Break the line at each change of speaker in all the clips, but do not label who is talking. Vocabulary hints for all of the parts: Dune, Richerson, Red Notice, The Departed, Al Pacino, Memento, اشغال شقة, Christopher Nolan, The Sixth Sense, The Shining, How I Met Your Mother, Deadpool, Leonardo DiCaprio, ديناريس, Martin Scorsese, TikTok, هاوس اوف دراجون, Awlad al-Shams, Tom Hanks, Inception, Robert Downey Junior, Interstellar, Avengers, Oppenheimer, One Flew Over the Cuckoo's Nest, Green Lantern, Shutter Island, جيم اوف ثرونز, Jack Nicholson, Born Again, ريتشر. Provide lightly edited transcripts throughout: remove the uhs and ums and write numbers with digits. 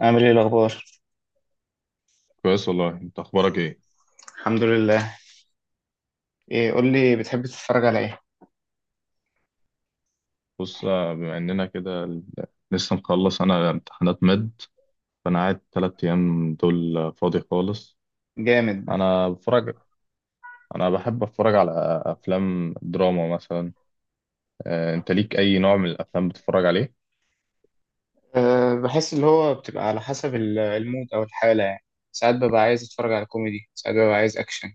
عامل ايه الاخبار؟
كويس والله، انت اخبارك ايه؟
الحمد لله. ايه، قول لي، بتحب تتفرج على ايه؟
بص، بما اننا كده لسه مخلص انا امتحانات مد. فانا قاعد 3 ايام دول، فاضي خالص.
جامد.
انا بتفرج، انا بحب اتفرج على افلام دراما مثلا. انت ليك اي نوع من الافلام بتتفرج عليه؟
أه، بحس اللي هو بتبقى على حسب المود او الحاله، يعني ساعات ببقى عايز اتفرج على كوميدي، ساعات ببقى عايز اكشن،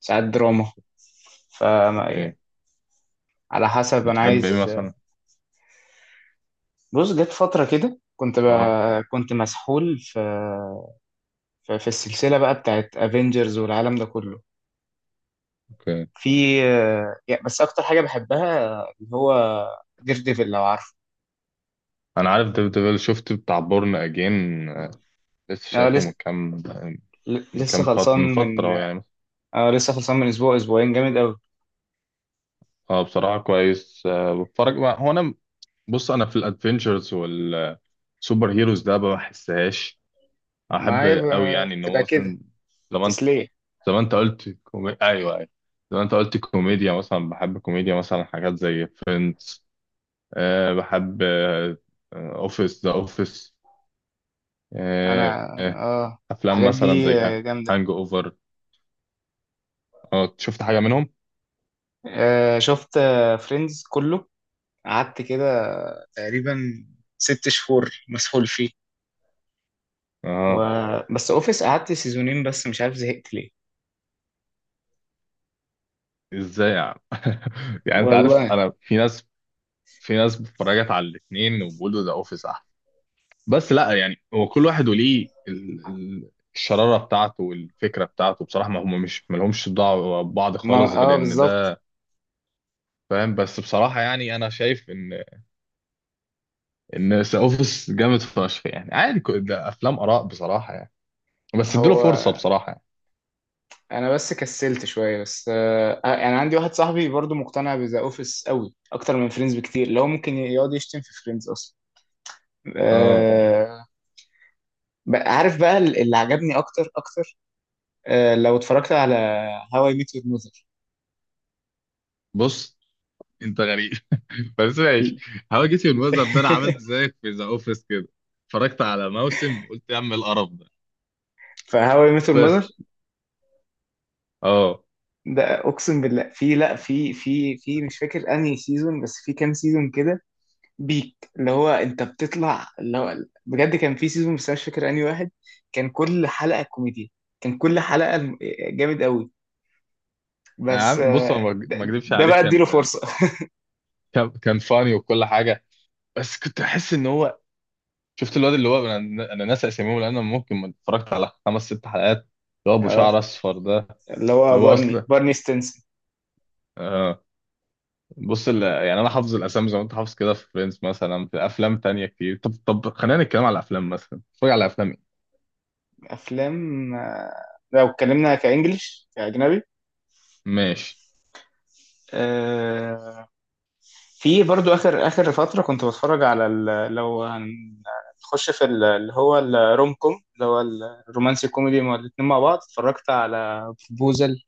ساعات دراما. ف
اوكي،
يعني على حسب انا
بتحب ايه
عايز.
مثلا؟
بص، جت فتره كده كنت
اه،
كنت مسحول في في السلسله بقى بتاعت افنجرز والعالم ده كله.
اوكي.
في يعني بس اكتر حاجه بحبها اللي هو دير ديفل، لو عارفه.
انا عارف ديفيد ديفل، شفت بتاع بورن اجين. لسه
أنا
شايفه من كام،
لسه خلصان
من
من...
فتره يعني.
اه لسه خلصان من اسبوع، اسبوعين. جامد قوي.
اه بصراحه كويس. بتفرج هو انا. بص انا في الادفنتشرز سوبر هيروز ده ما بحسهاش
ما
احب
هي
قوي يعني ان هو
بتبقى كده
مثلا. زمان،
تسلية.
ايوه، ايوه، زمان انت قلت كوميديا مثلا، بحب كوميديا مثلا، حاجات زي فريندز. أه بحب اوفيس، ذا اوفيس.
انا
أه آه،
اه،
افلام
الحاجات
مثلا
دي
زي
جامدة.
هانج اوفر. اه، شفت حاجه منهم؟
آه شفت فريندز كله، قعدت كده تقريبا ست شهور مسحول فيه. و...
اه،
بس اوفيس قعدت سيزونين بس، مش عارف زهقت ليه.
ازاي يعني؟ يعني انت
والله،
عارف، انا في ناس، في ناس اتفرجت على الاثنين وبيقولوا ذا اوفيس، بس لا. يعني هو كل واحد وليه الشرارة بتاعته والفكرة بتاعته بصراحة، ما هم مش ما لهمش دعوة ببعض
ما
خالص غير
اه
ان
بالظبط.
ده. فاهم؟ بس بصراحة يعني انا شايف ان ذا اوفيس جامد فشخ يعني عادي، ده افلام اراء بصراحة يعني. بس اديله
هو
فرصة بصراحة يعني.
انا بس كسلت شويه، بس آه انا عندي واحد صاحبي برضو مقتنع بذا اوفيس قوي اكتر من فريندز بكتير، لو ممكن يقعد يشتم في فريندز اصلا.
اه،
آه. عارف بقى اللي عجبني اكتر، آه، لو اتفرجت على هاو اي ميت يور ماذر.
بص. انت غريب بس ماشي. هواجسي الوزر ده، انا عملت زيك في ذا اوفيس كده. اتفرجت على موسم وقلت يا عم القرف ده.
فهاو اي ميت يور ماذر
بس. اه،
ده اقسم بالله في لا في مش فاكر انهي سيزون، بس في كام سيزون كده بيك اللي هو انت بتطلع، اللي هو بجد كان في سيزون، بس أنا مش فاكر انهي واحد. كان كل حلقه كوميديا، كان كل حلقه جامد قوي.
يا
بس
عم بص، انا
آه،
ما ما اكذبش
ده
عليك،
بقى اديله
كان
فرصه.
كان فاني وكل حاجه. بس كنت احس ان هو، شفت الواد اللي هو، انا ناسي اساميهم لان انا ممكن ما اتفرجت على خمس ست حلقات، اللي هو ابو
آه،
شعر اصفر ده.
اللي هو
اللي هو اصلا،
بارني ستينسون.
آه بص، يعني انا حافظ الاسامي زي ما انت حافظ كده في فريندز مثلا. في افلام تانية كتير، طب خلينا نتكلم على الافلام. مثلا اتفرج على افلام ايه؟
افلام آه، لو اتكلمنا كانجلش كاجنبي،
ماشي.
آه، في برضو اخر اخر فتره كنت بتفرج على لو هنخش في اللي هو الروم كوم، اللي هو الرومانسي كوميدي مع الاتنين مع بعض. اتفرجت على بروبوزل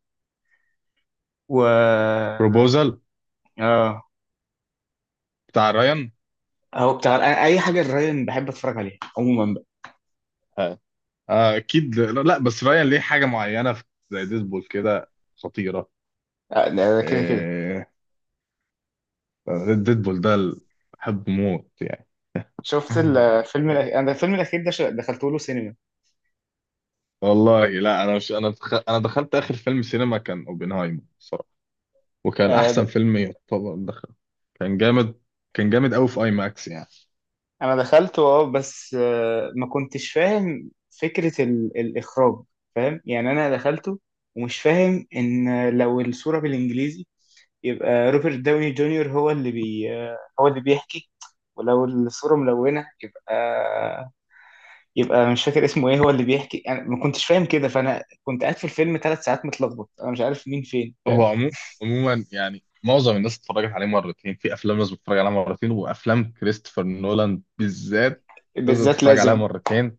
و...
بروبوزال
اه.
بتاع رايان.
هو بتاع، أنا اي حاجه الراين بحب اتفرج عليها عموما بقى.
آه. آه، اكيد. لا لا، بس رايان ليه حاجه معينه زي ديدبول كده. خطيره.
آه، ده كده.
آه، ديدبول ده بحبه موت يعني.
شفت الفيلم الأخير. أنا الفيلم الأخير ده دخلته له سينما.
والله لا، انا مش انا دخ... انا دخلت اخر فيلم سينما كان اوبنهايمر الصراحه. وكان
آه،
احسن فيلم يعتبر دخل. كان جامد. كان جامد قوي في اي ماكس يعني.
انا دخلت اه، بس آه، ما كنتش فاهم فكرة الاخراج. فاهم، يعني انا دخلته ومش فاهم ان لو الصورة بالانجليزي يبقى روبرت داوني جونيور هو اللي آه، هو اللي بيحكي، ولو الصورة ملونة يبقى مش فاكر اسمه ايه هو اللي بيحكي. انا ما كنتش فاهم كده، فانا كنت قاعد في الفيلم ثلاث ساعات متلخبط، انا مش عارف مين فين، فاهم؟
هو عمو... عموما يعني معظم الناس اتفرجت عليه مرتين. في افلام لازم تتفرج عليها مرتين، وافلام كريستوفر نولان بالذات لازم
بالذات
تتفرج عليها
لازم.
مرتين.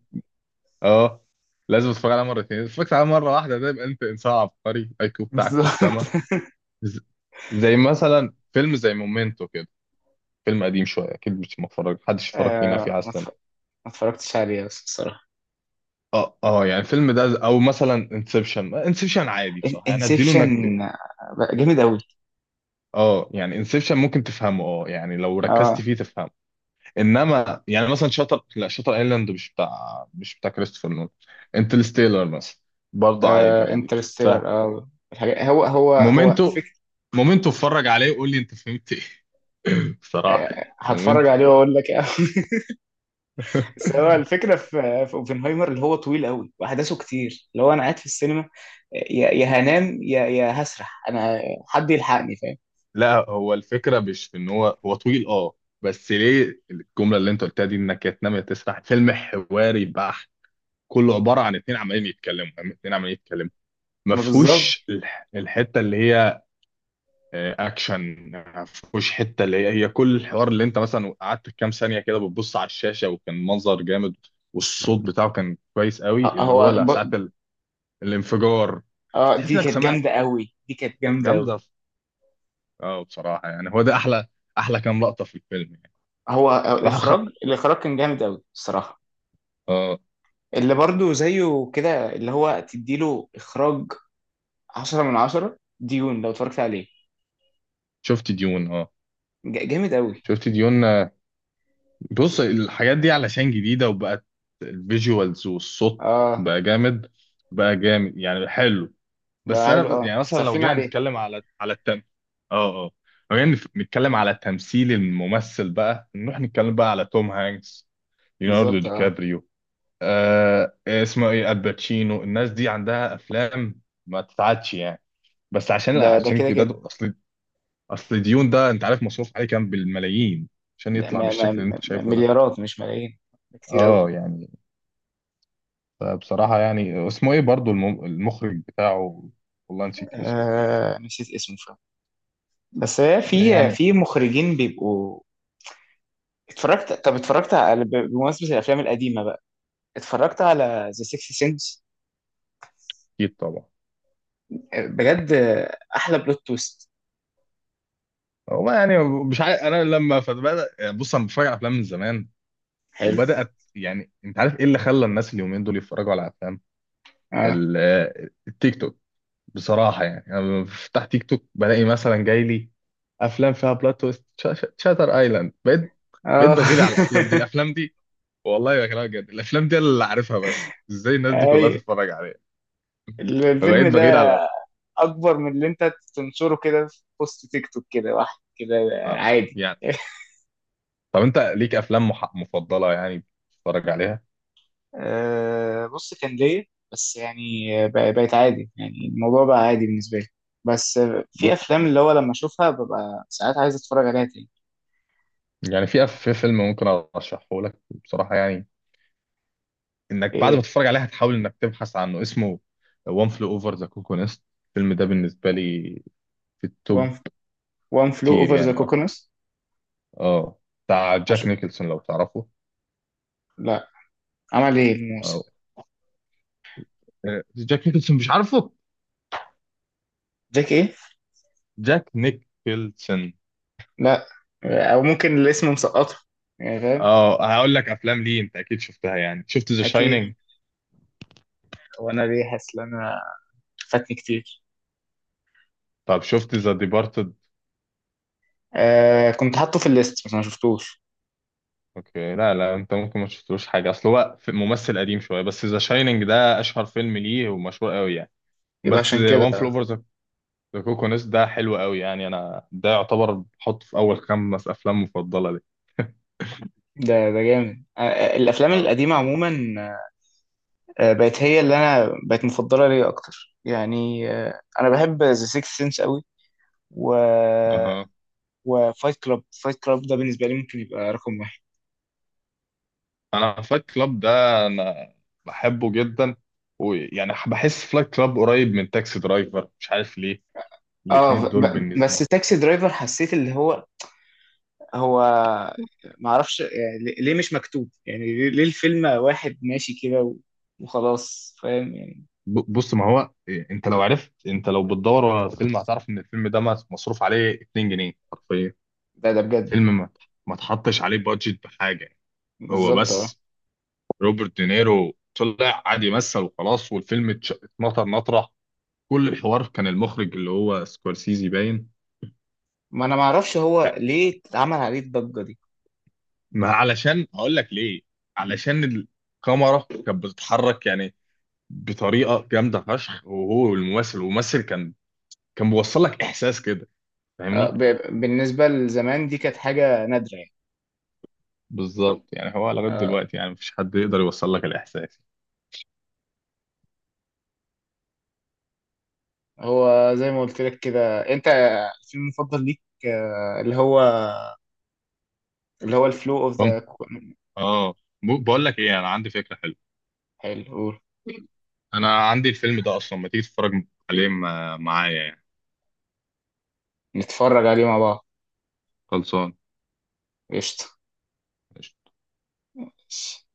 اه، لازم تتفرج عليها مرتين. اتفرجت عليها مره واحده ده يبقى انت انسان عبقري، الاي كيو بتاعك في السما.
بالظبط.
ز- زي مثلا فيلم زي مومنتو كده. فيلم قديم شويه، اكيد مش متفرج محدش اتفرج فينا فيه على
آه،
السنه.
ما اتفرجتش عليه بس، الصراحة
اه يعني الفيلم ده، او مثلا انسبشن. انسبشن عادي بصراحه يعني، اديله
انسبشن
انك.
جامد قوي.
اه يعني انسبشن ممكن تفهمه، اه يعني لو ركزت
اه
فيه تفهمه. انما يعني مثلا شاتر، لا، شاتر ايلاند مش بتاع، مش بتاع كريستوفر نولان. انترستيلر مثلا برضه عادي يعني تتفهم.
انترستيلر اه، الحاجات. هو
مومنتو، مومنتو اتفرج عليه وقول لي انت فهمت ايه. بصراحه يعني،
آه، هتفرج
مومنتو.
عليه واقول لك. آه. بس هو الفكره في اوبنهايمر اللي هو طويل قوي واحداثه كتير، اللي هو انا قاعد في السينما آه، يا هنام يا هسرح انا، حد يلحقني، فاهم؟
لا، هو الفكرة مش في ان هو طويل اه. بس ليه الجملة اللي انت قلتها دي انك يا تنام يا تسرح؟ فيلم حواري بحت، كله عبارة عن اتنين عمالين يتكلموا ما
ما بالظبط.
فيهوش الحتة اللي هي اكشن. ما فيهوش حتة اللي هي كل الحوار. اللي انت مثلا قعدت كام ثانية كده بتبص على الشاشة وكان منظر جامد. والصوت بتاعه كان كويس قوي،
آه،
اللي هو لا ساعة الانفجار،
اه
تحس
دي
انك
كانت
سمعت.
جامده قوي، دي كانت جامده قوي.
جامدة. اه بصراحة يعني هو ده احلى، احلى كام لقطة في الفيلم يعني.
هو آه،
راحوا.
الاخراج، الاخراج كان جامد قوي الصراحه.
اه،
اللي برضو زيه كده اللي هو تديله اخراج عشرة من عشرة ديون، لو اتفرجت عليه.
شفت ديون. اه،
جامد قوي.
شفت ديون آه، بص الحاجات دي علشان جديدة، وبقت الفيجوالز والصوت
اه
بقى جامد بقى جامد يعني حلو. بس
بقى حلو
انا
اه،
يعني مثلا لو
صارفين
جينا
عليه
نتكلم على التم، اه اه لو جينا نتكلم على تمثيل الممثل. بقى نروح نتكلم بقى على توم هانكس، ليوناردو
بالظبط.
دي
اه
كابريو. اسمه ايه، الباتشينو. الناس دي عندها افلام ما تتعادش يعني. بس عشان
ده
عشان
كده.
جداد. اصل ديون ده، انت عارف مصروف عليه كام؟ بالملايين. عشان
ده
يطلع
ما
بالشكل اللي انت شايفه ده.
مليارات مش ملايين، كتير قوي.
اه يعني، بصراحة يعني اسمه ايه برضو المخرج بتاعه. والله نسيت اسمه.
آه نسيت اسمه فعلا، بس هي
يعني
في مخرجين بيبقوا. اتفرجت، طب اتفرجت على بمناسبة الافلام القديمة بقى، اتفرجت على ذا سيكس سنس،
اكيد طبعا.
بجد آه، احلى بلوت تويست.
هو يعني مش عارف، انا لما فبدأ، بص انا بتفرج على افلام من زمان.
حلو.
وبدأت يعني، انت عارف ايه اللي خلى الناس اليومين دول يتفرجوا على افلام؟
اه
التيك توك. بصراحة يعني انا بفتح تيك توك بلاقي مثلا جاي لي افلام فيها بلوت تويست، شاتر ايلاند. بقيت
اه.
بغير على الافلام دي، الافلام دي. والله بكلمك جد، الافلام دي أنا اللي عارفها، بس ازاي الناس دي
اي
كلها تتفرج عليها؟
الفيلم
فبقيت بغير
ده
على.
اكبر من اللي انت تنشره كده في بوست تيك توك كده واحد كده،
آه.
عادي.
يعني طب انت ليك افلام مفضله يعني بتتفرج عليها؟
أه، بص كان ليا، بس يعني بقت عادي، يعني الموضوع بقى عادي بالنسبه لي، بس آه، في
بص،
افلام اللي هو لما اشوفها ببقى ساعات عايز اتفرج عليها تاني.
يعني في في فيلم ممكن ارشحه لك بصراحه يعني، انك بعد
ايه؟
ما تتفرج عليه هتحاول انك تبحث عنه. اسمه وان فلو اوفر ذا كوكو نست. الفيلم ده بالنسبه لي في
وان
التوب
وان فلو
تير
اوفر ذا
يعني. اه،
كوكونس.
اه، بتاع جاك نيكلسون لو تعرفه.
لا، عمل ايه
أو.
الموسم؟
جاك نيكلسون مش عارفه؟
جاك ايه؟
جاك نيكلسون.
لا، او ممكن الاسم مسقطه، يعني، فاهم؟
اه، هقول لك افلام ليه انت اكيد شفتها. يعني شفت ذا
اكيد.
شاينينج؟
وانا ليه حاسس ان انا فاتني كتير.
طب شفت ذا ديبارتد؟
آه كنت حاطه في الليست، بس ما شفتوش.
اوكي. لا لا، انت ممكن ما شفتلوش حاجه، اصل هو ممثل قديم شويه، بس ذا شاينينج ده اشهر فيلم ليه ومشهور قوي يعني.
يبقى
بس
عشان كده.
وان فل اوفر ذا كوكونس ده حلو قوي يعني، انا ده يعتبر بحطه في اول 5 افلام مفضله لي.
ده ده جامد، آه، آه، الافلام
اه،
القديمه عموما آه، بقت هي اللي انا بقت مفضله ليا اكتر، يعني آه، انا بحب ذا سيكس سنس قوي، و...
اها.
وفايت كلاب، فايت كلاب ده بالنسبه لي ممكن يبقى رقم واحد.
انا فلايت كلاب ده انا بحبه جدا، ويعني بحس فلايت كلاب قريب من تاكسي درايفر، مش عارف ليه.
اه
الاتنين دول
بس
بالنسبه.
تاكسي درايفر حسيت اللي هو، هو ما اعرفش يعني ليه، ليه مش مكتوب، يعني ليه ليه الفيلم واحد ماشي كده و... وخلاص، فاهم يعني.
بص، ما هو إيه. انت لو بتدور على الفيلم هتعرف ان الفيلم ده مصروف عليه 2 جنيه حرفيا.
ده ده بجد.
فيلم، ما تحطش عليه بادجت بحاجه. هو
بالظبط اه.
بس، روبرت دينيرو طلع قعد يمثل وخلاص، والفيلم اتنطر نطره. كل الحوار كان المخرج اللي هو سكورسيزي باين.
ما انا ما اعرفش هو ليه اتعمل عليه الضجه دي.
ما علشان هقول لك ليه. علشان الكاميرا كانت بتتحرك يعني بطريقه جامده فشخ، وهو الممثل. والممثل كان بيوصل لك احساس كده،
آه،
فاهمني؟
بالنسبة لزمان دي كانت حاجة نادرة يعني.
بالظبط يعني، هو لغايه
آه،
دلوقتي يعني مفيش حد يقدر يوصل لك الاحساس.
هو زي ما قلت لك كده، انت الفيلم المفضل ليك آه، اللي هو اللي هو الفلو اوف ذا.
فاهم. اه، بقول لك ايه، انا عندي فكره حلوه.
حلو، قول.
انا عندي الفيلم ده اصلا، ما تيجي تتفرج عليه معايا يعني؟
نتفرج عليه مع بعض.
خلصان.
قشطة.